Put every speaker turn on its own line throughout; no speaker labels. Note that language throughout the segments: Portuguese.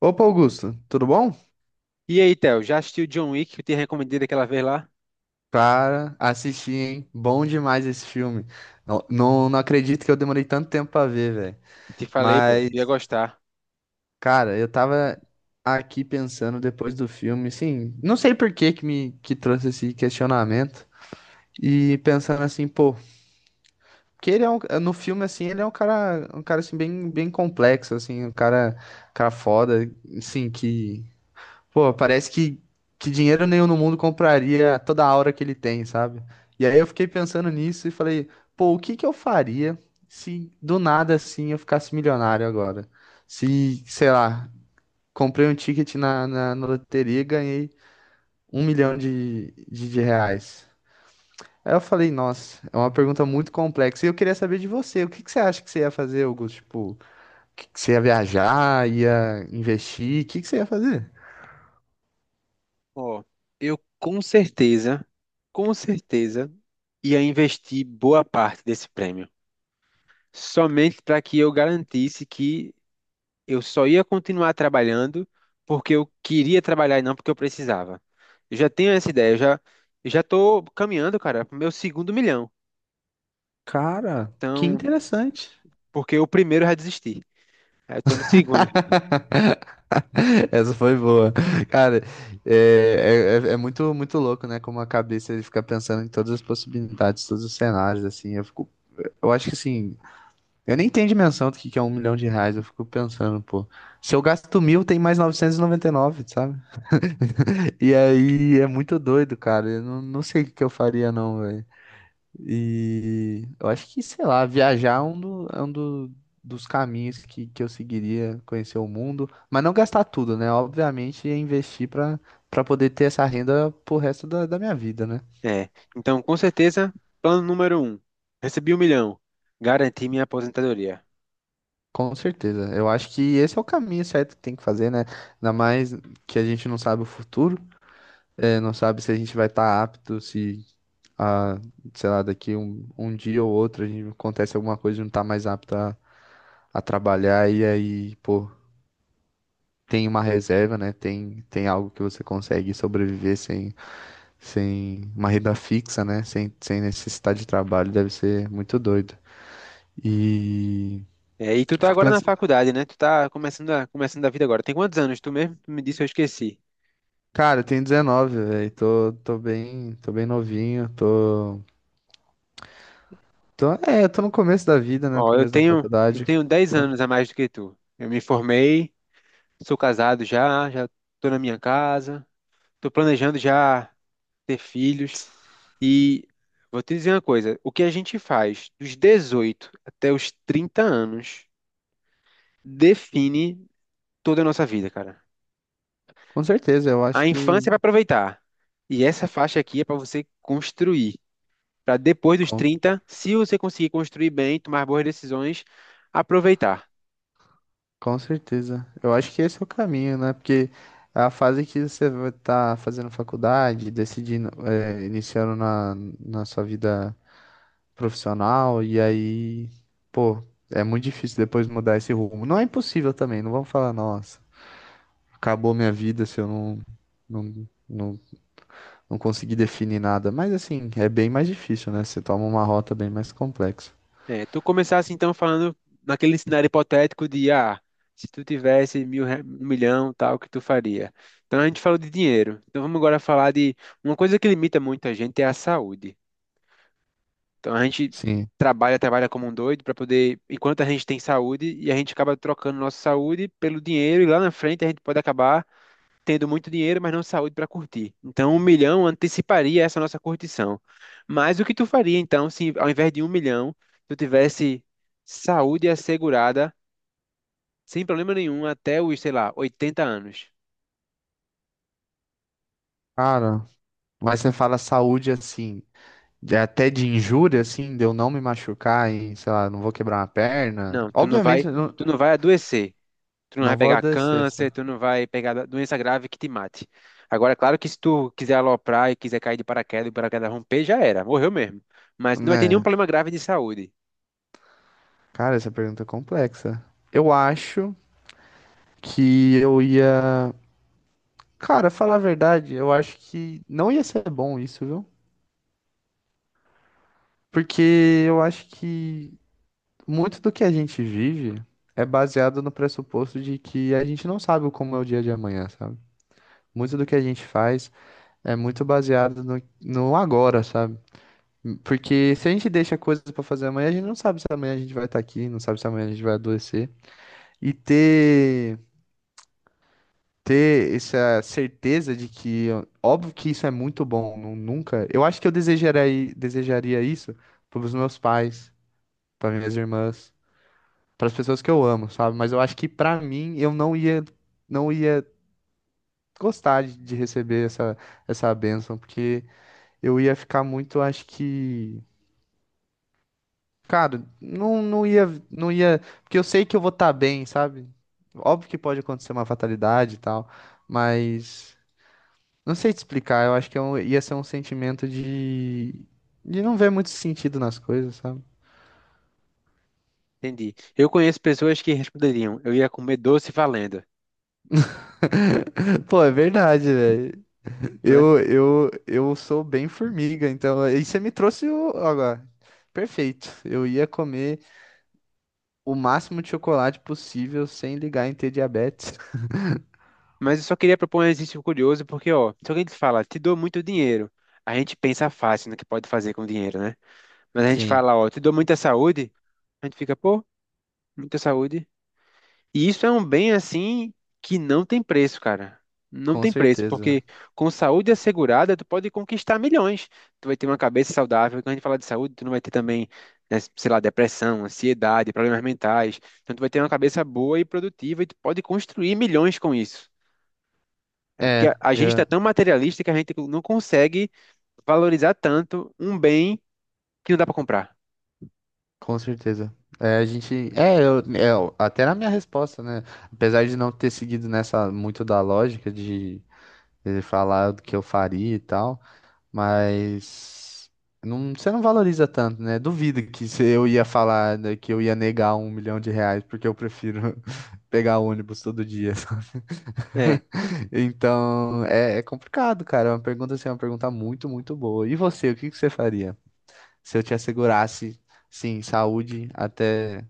Opa, Augusto, tudo bom?
E aí, Theo, já assistiu John Wick que eu te recomendei daquela vez lá?
Cara, assisti, hein? Bom demais esse filme. Não, não, não acredito que eu demorei tanto tempo pra ver, velho.
Te falei, pô, ia
Mas,
gostar.
cara, eu tava aqui pensando depois do filme, assim, não sei por que que me que trouxe esse questionamento e pensando assim, pô, que ele é um, no filme assim, ele é um cara assim bem, bem complexo, assim, um cara foda, assim, que pô, parece que dinheiro nenhum no mundo compraria toda a aura que ele tem, sabe? E aí eu fiquei pensando nisso e falei, pô, o que que eu faria se do nada assim eu ficasse milionário agora? Se, sei lá, comprei um ticket na loteria e ganhei um milhão de reais. Aí eu falei, nossa, é uma pergunta muito complexa. E eu queria saber de você, o que que você acha que você ia fazer, Augusto? Tipo, que você ia viajar, ia investir, o que que você ia fazer?
Ó, eu com certeza ia investir boa parte desse prêmio. Somente para que eu garantisse que eu só ia continuar trabalhando porque eu queria trabalhar e não porque eu precisava. Eu já tenho essa ideia, eu já tô caminhando, cara, pro meu segundo milhão.
Cara, que
Então,
interessante.
porque o primeiro eu já desisti. Aí eu tô no segundo.
Essa foi boa. Cara, é muito, muito louco, né? Como a cabeça ele fica pensando em todas as possibilidades, todos os cenários, assim. Eu fico, eu acho que assim, eu nem tenho dimensão do que é um milhão de reais. Eu fico pensando, pô, se eu gasto mil, tem mais novecentos e noventa e nove, sabe? E aí é muito doido, cara. Eu não sei o que que eu faria, não, e eu acho que, sei lá, viajar é um, dos caminhos que eu seguiria, conhecer o mundo, mas não gastar tudo, né? Obviamente, é investir para poder ter essa renda pro resto da minha vida, né?
É, então com certeza, plano número um, recebi um milhão, garanti minha aposentadoria.
Com certeza. Eu acho que esse é o caminho certo que tem que fazer, né? Ainda mais que a gente não sabe o futuro, é, não sabe se a gente vai estar apto, se, a, sei lá, daqui um dia ou outro a gente acontece alguma coisa e não tá mais apto a trabalhar, e aí, pô. Tem uma reserva, né? Tem algo que você consegue sobreviver sem uma renda fixa, né? Sem necessidade de trabalho, deve ser muito doido. E
É, e tu tá
fico
agora na
pensando,
faculdade, né? Tu tá começando a vida agora. Tem quantos anos? Tu mesmo tu me disse, eu esqueci.
cara, eu tenho 19, velho, tô bem, tô bem novinho, tô no começo da vida, né?
Ó, eu
Começo da
tenho, eu
faculdade.
tenho 10
Com,
anos a mais do que tu. Eu me formei, sou casado já, já tô na minha casa, tô planejando já ter filhos. E vou te dizer uma coisa, o que a gente faz dos 18 até os 30 anos define toda a nossa vida, cara.
com certeza, eu
A
acho que
infância é para aproveitar. E essa faixa aqui é para você construir. Para depois dos
com
30, se você conseguir construir bem, tomar boas decisões, aproveitar.
com certeza. Eu acho que esse é o caminho, né? Porque é a fase que você vai estar fazendo faculdade, decidindo, iniciando na sua vida profissional, e aí, pô, é muito difícil depois mudar esse rumo. Não é impossível também, não vamos falar, nossa, acabou minha vida se eu não, não, não conseguir definir nada. Mas assim, é bem mais difícil, né? Você toma uma rota bem mais complexa.
É, tu começasse então falando naquele cenário hipotético de, ah, se tu tivesse mil, um milhão, tal, o que tu faria? Então a gente falou de dinheiro. Então vamos agora falar de uma coisa que limita muito a gente é a saúde. Então a gente
Sim.
trabalha, trabalha como um doido para poder, enquanto a gente tem saúde, e a gente acaba trocando nossa saúde pelo dinheiro, e lá na frente a gente pode acabar tendo muito dinheiro, mas não saúde para curtir. Então, um milhão anteciparia essa nossa curtição. Mas o que tu faria, então, se ao invés de um milhão, tu tivesse saúde assegurada, sem problema nenhum, até os, sei lá, 80 anos?
Cara, mas você fala saúde assim. Até de injúria, assim, de eu não me machucar e, sei lá, não vou quebrar uma perna.
Não, tu não vai,
Obviamente, eu não,
tu não vai adoecer. Tu não vai
não vou
pegar
ADC, só.
câncer, tu não vai pegar doença grave que te mate. Agora, claro que se tu quiser aloprar e quiser cair de paraquedas e o paraquedas romper, já era, morreu mesmo. Mas não vai ter nenhum
Né?
problema grave de saúde.
Cara, essa pergunta é complexa. Eu acho que eu ia. Cara, falar a verdade, eu acho que não ia ser bom isso, viu? Porque eu acho que muito do que a gente vive é baseado no pressuposto de que a gente não sabe como é o dia de amanhã, sabe? Muito do que a gente faz é muito baseado no agora, sabe? Porque se a gente deixa coisas pra fazer amanhã, a gente não sabe se amanhã a gente vai estar aqui, não sabe se amanhã a gente vai adoecer. E ter essa certeza de que, ó, óbvio que isso é muito bom, nunca. Eu acho que eu desejaria isso pros meus pais, para minhas irmãs, para as pessoas que eu amo, sabe? Mas eu acho que pra mim eu não ia gostar de receber essa bênção, porque eu ia ficar muito, acho que, cara, não ia, porque eu sei que eu vou estar bem, sabe? Óbvio que pode acontecer uma fatalidade e tal, mas não sei te explicar, eu acho que ia ser um sentimento de não ver muito sentido nas coisas, sabe?
Entendi. Eu conheço pessoas que responderiam, eu ia comer doce valendo,
Pô, é verdade, velho.
né?
Eu sou bem formiga, então aí você me trouxe o agora. Perfeito. Eu ia comer o máximo de chocolate possível sem ligar em ter diabetes.
Mas eu só queria propor um exercício curioso, porque, ó, se alguém te fala, te dou muito dinheiro, a gente pensa fácil no que pode fazer com o dinheiro, né? Mas a gente
Sim,
fala, ó, te dou muita saúde, a gente fica, pô, muita saúde. E isso é um bem assim que não tem preço, cara. Não
com
tem preço,
certeza.
porque com saúde assegurada, tu pode conquistar milhões. Tu vai ter uma cabeça saudável. Quando a gente fala de saúde, tu não vai ter também, né, sei lá, depressão, ansiedade, problemas mentais. Então, tu vai ter uma cabeça boa e produtiva e tu pode construir milhões com isso. É porque
É,
a gente está
é,
tão materialista que a gente não consegue valorizar tanto um bem que não dá para comprar.
Com certeza. É, a gente. Até na minha resposta, né? Apesar de não ter seguido nessa muito da lógica de falar do que eu faria e tal, mas não, você não valoriza tanto, né? Duvido que se eu ia falar né, que eu ia negar um milhão de reais, porque eu prefiro pegar ônibus todo dia. Sabe?
É,
Então, é complicado, cara. É uma pergunta assim, é uma pergunta muito, muito boa. E você, o que que você faria se eu te assegurasse, sim, saúde até.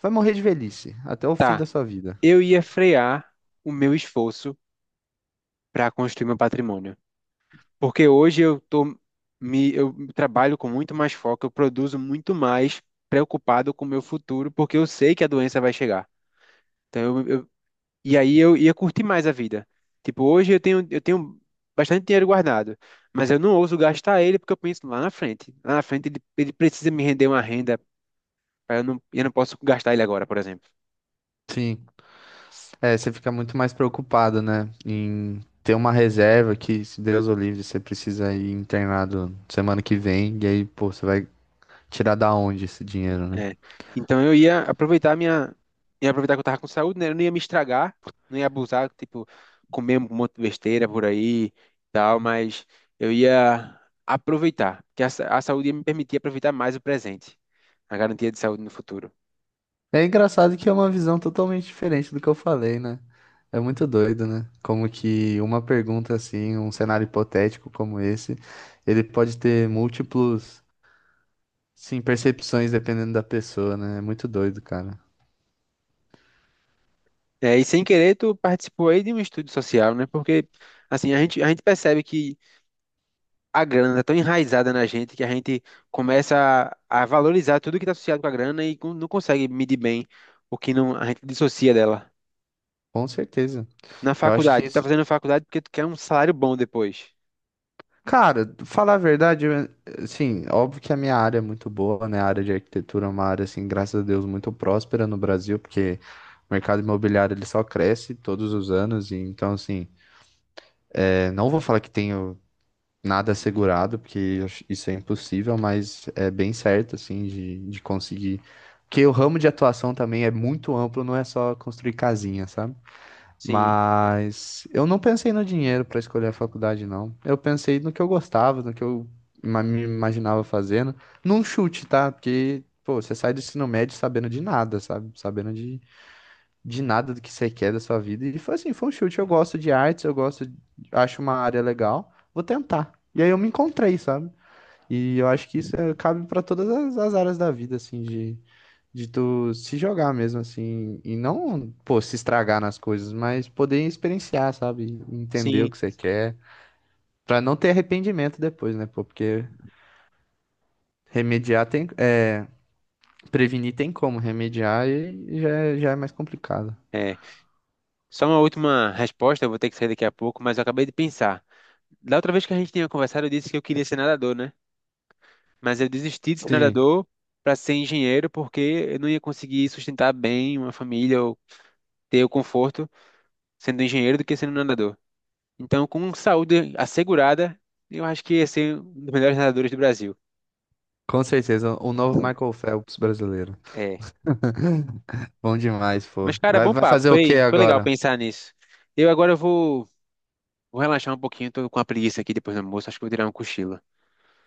Vai morrer de velhice, até o fim
tá.
da sua vida.
Eu ia frear o meu esforço para construir meu patrimônio. Porque hoje eu tô me eu trabalho com muito mais foco, eu produzo muito mais preocupado com o meu futuro, porque eu sei que a doença vai chegar. Então e aí eu ia curtir mais a vida. Tipo, hoje eu tenho bastante dinheiro guardado, mas eu não ouso gastar ele porque eu penso lá na frente. Lá na frente ele precisa me render uma renda, pra eu não posso gastar ele agora, por exemplo.
Sim. É, você fica muito mais preocupado, né? Em ter uma reserva que, se Deus o livre, você precisa ir internado semana que vem. E aí, pô, você vai tirar da onde esse dinheiro, né?
É. Então eu ia aproveitar que eu tava com saúde, né? Eu não ia me estragar, não ia abusar, tipo, comer um monte de besteira por aí e tal, mas eu ia aproveitar, que a, a saúde ia me permitir aproveitar mais o presente, a garantia de saúde no futuro.
É engraçado que é uma visão totalmente diferente do que eu falei, né? É muito doido, né? Como que uma pergunta assim, um cenário hipotético como esse, ele pode ter múltiplos, sim, percepções dependendo da pessoa, né? É muito doido, cara.
É, e sem querer, tu participou aí de um estudo social, né? Porque, assim, a gente percebe que a grana tá tão enraizada na gente que a gente começa a valorizar tudo que tá associado com a grana e não consegue medir bem o que não, a gente dissocia dela.
Com certeza.
Na
Eu acho que
faculdade, tá
isso.
fazendo faculdade porque tu quer um salário bom depois.
Cara, falar a verdade, assim, óbvio que a minha área é muito boa, né? A área de arquitetura é uma área, assim, graças a Deus, muito próspera no Brasil, porque o mercado imobiliário ele só cresce todos os anos, e então, assim, não vou falar que tenho nada assegurado, porque isso é impossível, mas é bem certo, assim, de conseguir. Porque o ramo de atuação também é muito amplo, não é só construir casinha, sabe?
Sim,
Mas eu não pensei no dinheiro para escolher a faculdade, não. Eu pensei no que eu gostava, no que eu me imaginava fazendo. Num chute, tá? Porque, pô, você sai do ensino médio sabendo de nada, sabe? Sabendo de nada do que você quer da sua vida. E foi assim, foi um chute. Eu gosto de artes, eu gosto, acho uma área legal, vou tentar. E aí eu me encontrei, sabe? E eu acho que isso cabe para todas as áreas da vida, assim, de tu se jogar mesmo, assim, e não, pô, se estragar nas coisas, mas poder experienciar, sabe? Entender o
sim.
que você quer, pra não ter arrependimento depois, né, pô? Porque remediar tem, prevenir tem como, remediar e já, já é mais complicado.
É. Só uma última resposta, eu vou ter que sair daqui a pouco, mas eu acabei de pensar. Da outra vez que a gente tinha conversado, eu disse que eu queria ser nadador, né? Mas eu desisti de ser
Sim,
nadador para ser engenheiro porque eu não ia conseguir sustentar bem uma família ou ter o conforto sendo engenheiro do que sendo nadador. Então, com saúde assegurada, eu acho que ia ser um dos melhores nadadores do Brasil.
com certeza, o novo Michael Phelps brasileiro.
É.
Bom demais, pô.
Mas, cara,
Vai,
bom
vai
papo.
fazer o que
Foi, foi legal
agora?
pensar nisso. Eu agora vou Vou relaxar um pouquinho, tô com a preguiça aqui depois do almoço, acho que vou tirar um cochilo.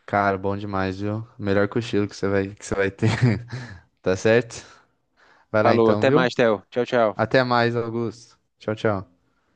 Cara, bom demais, viu? Melhor cochilo que você vai ter, tá certo? Vai lá
Falou,
então,
até
viu?
mais, Theo. Tchau, tchau.
Até mais, Augusto. Tchau, tchau.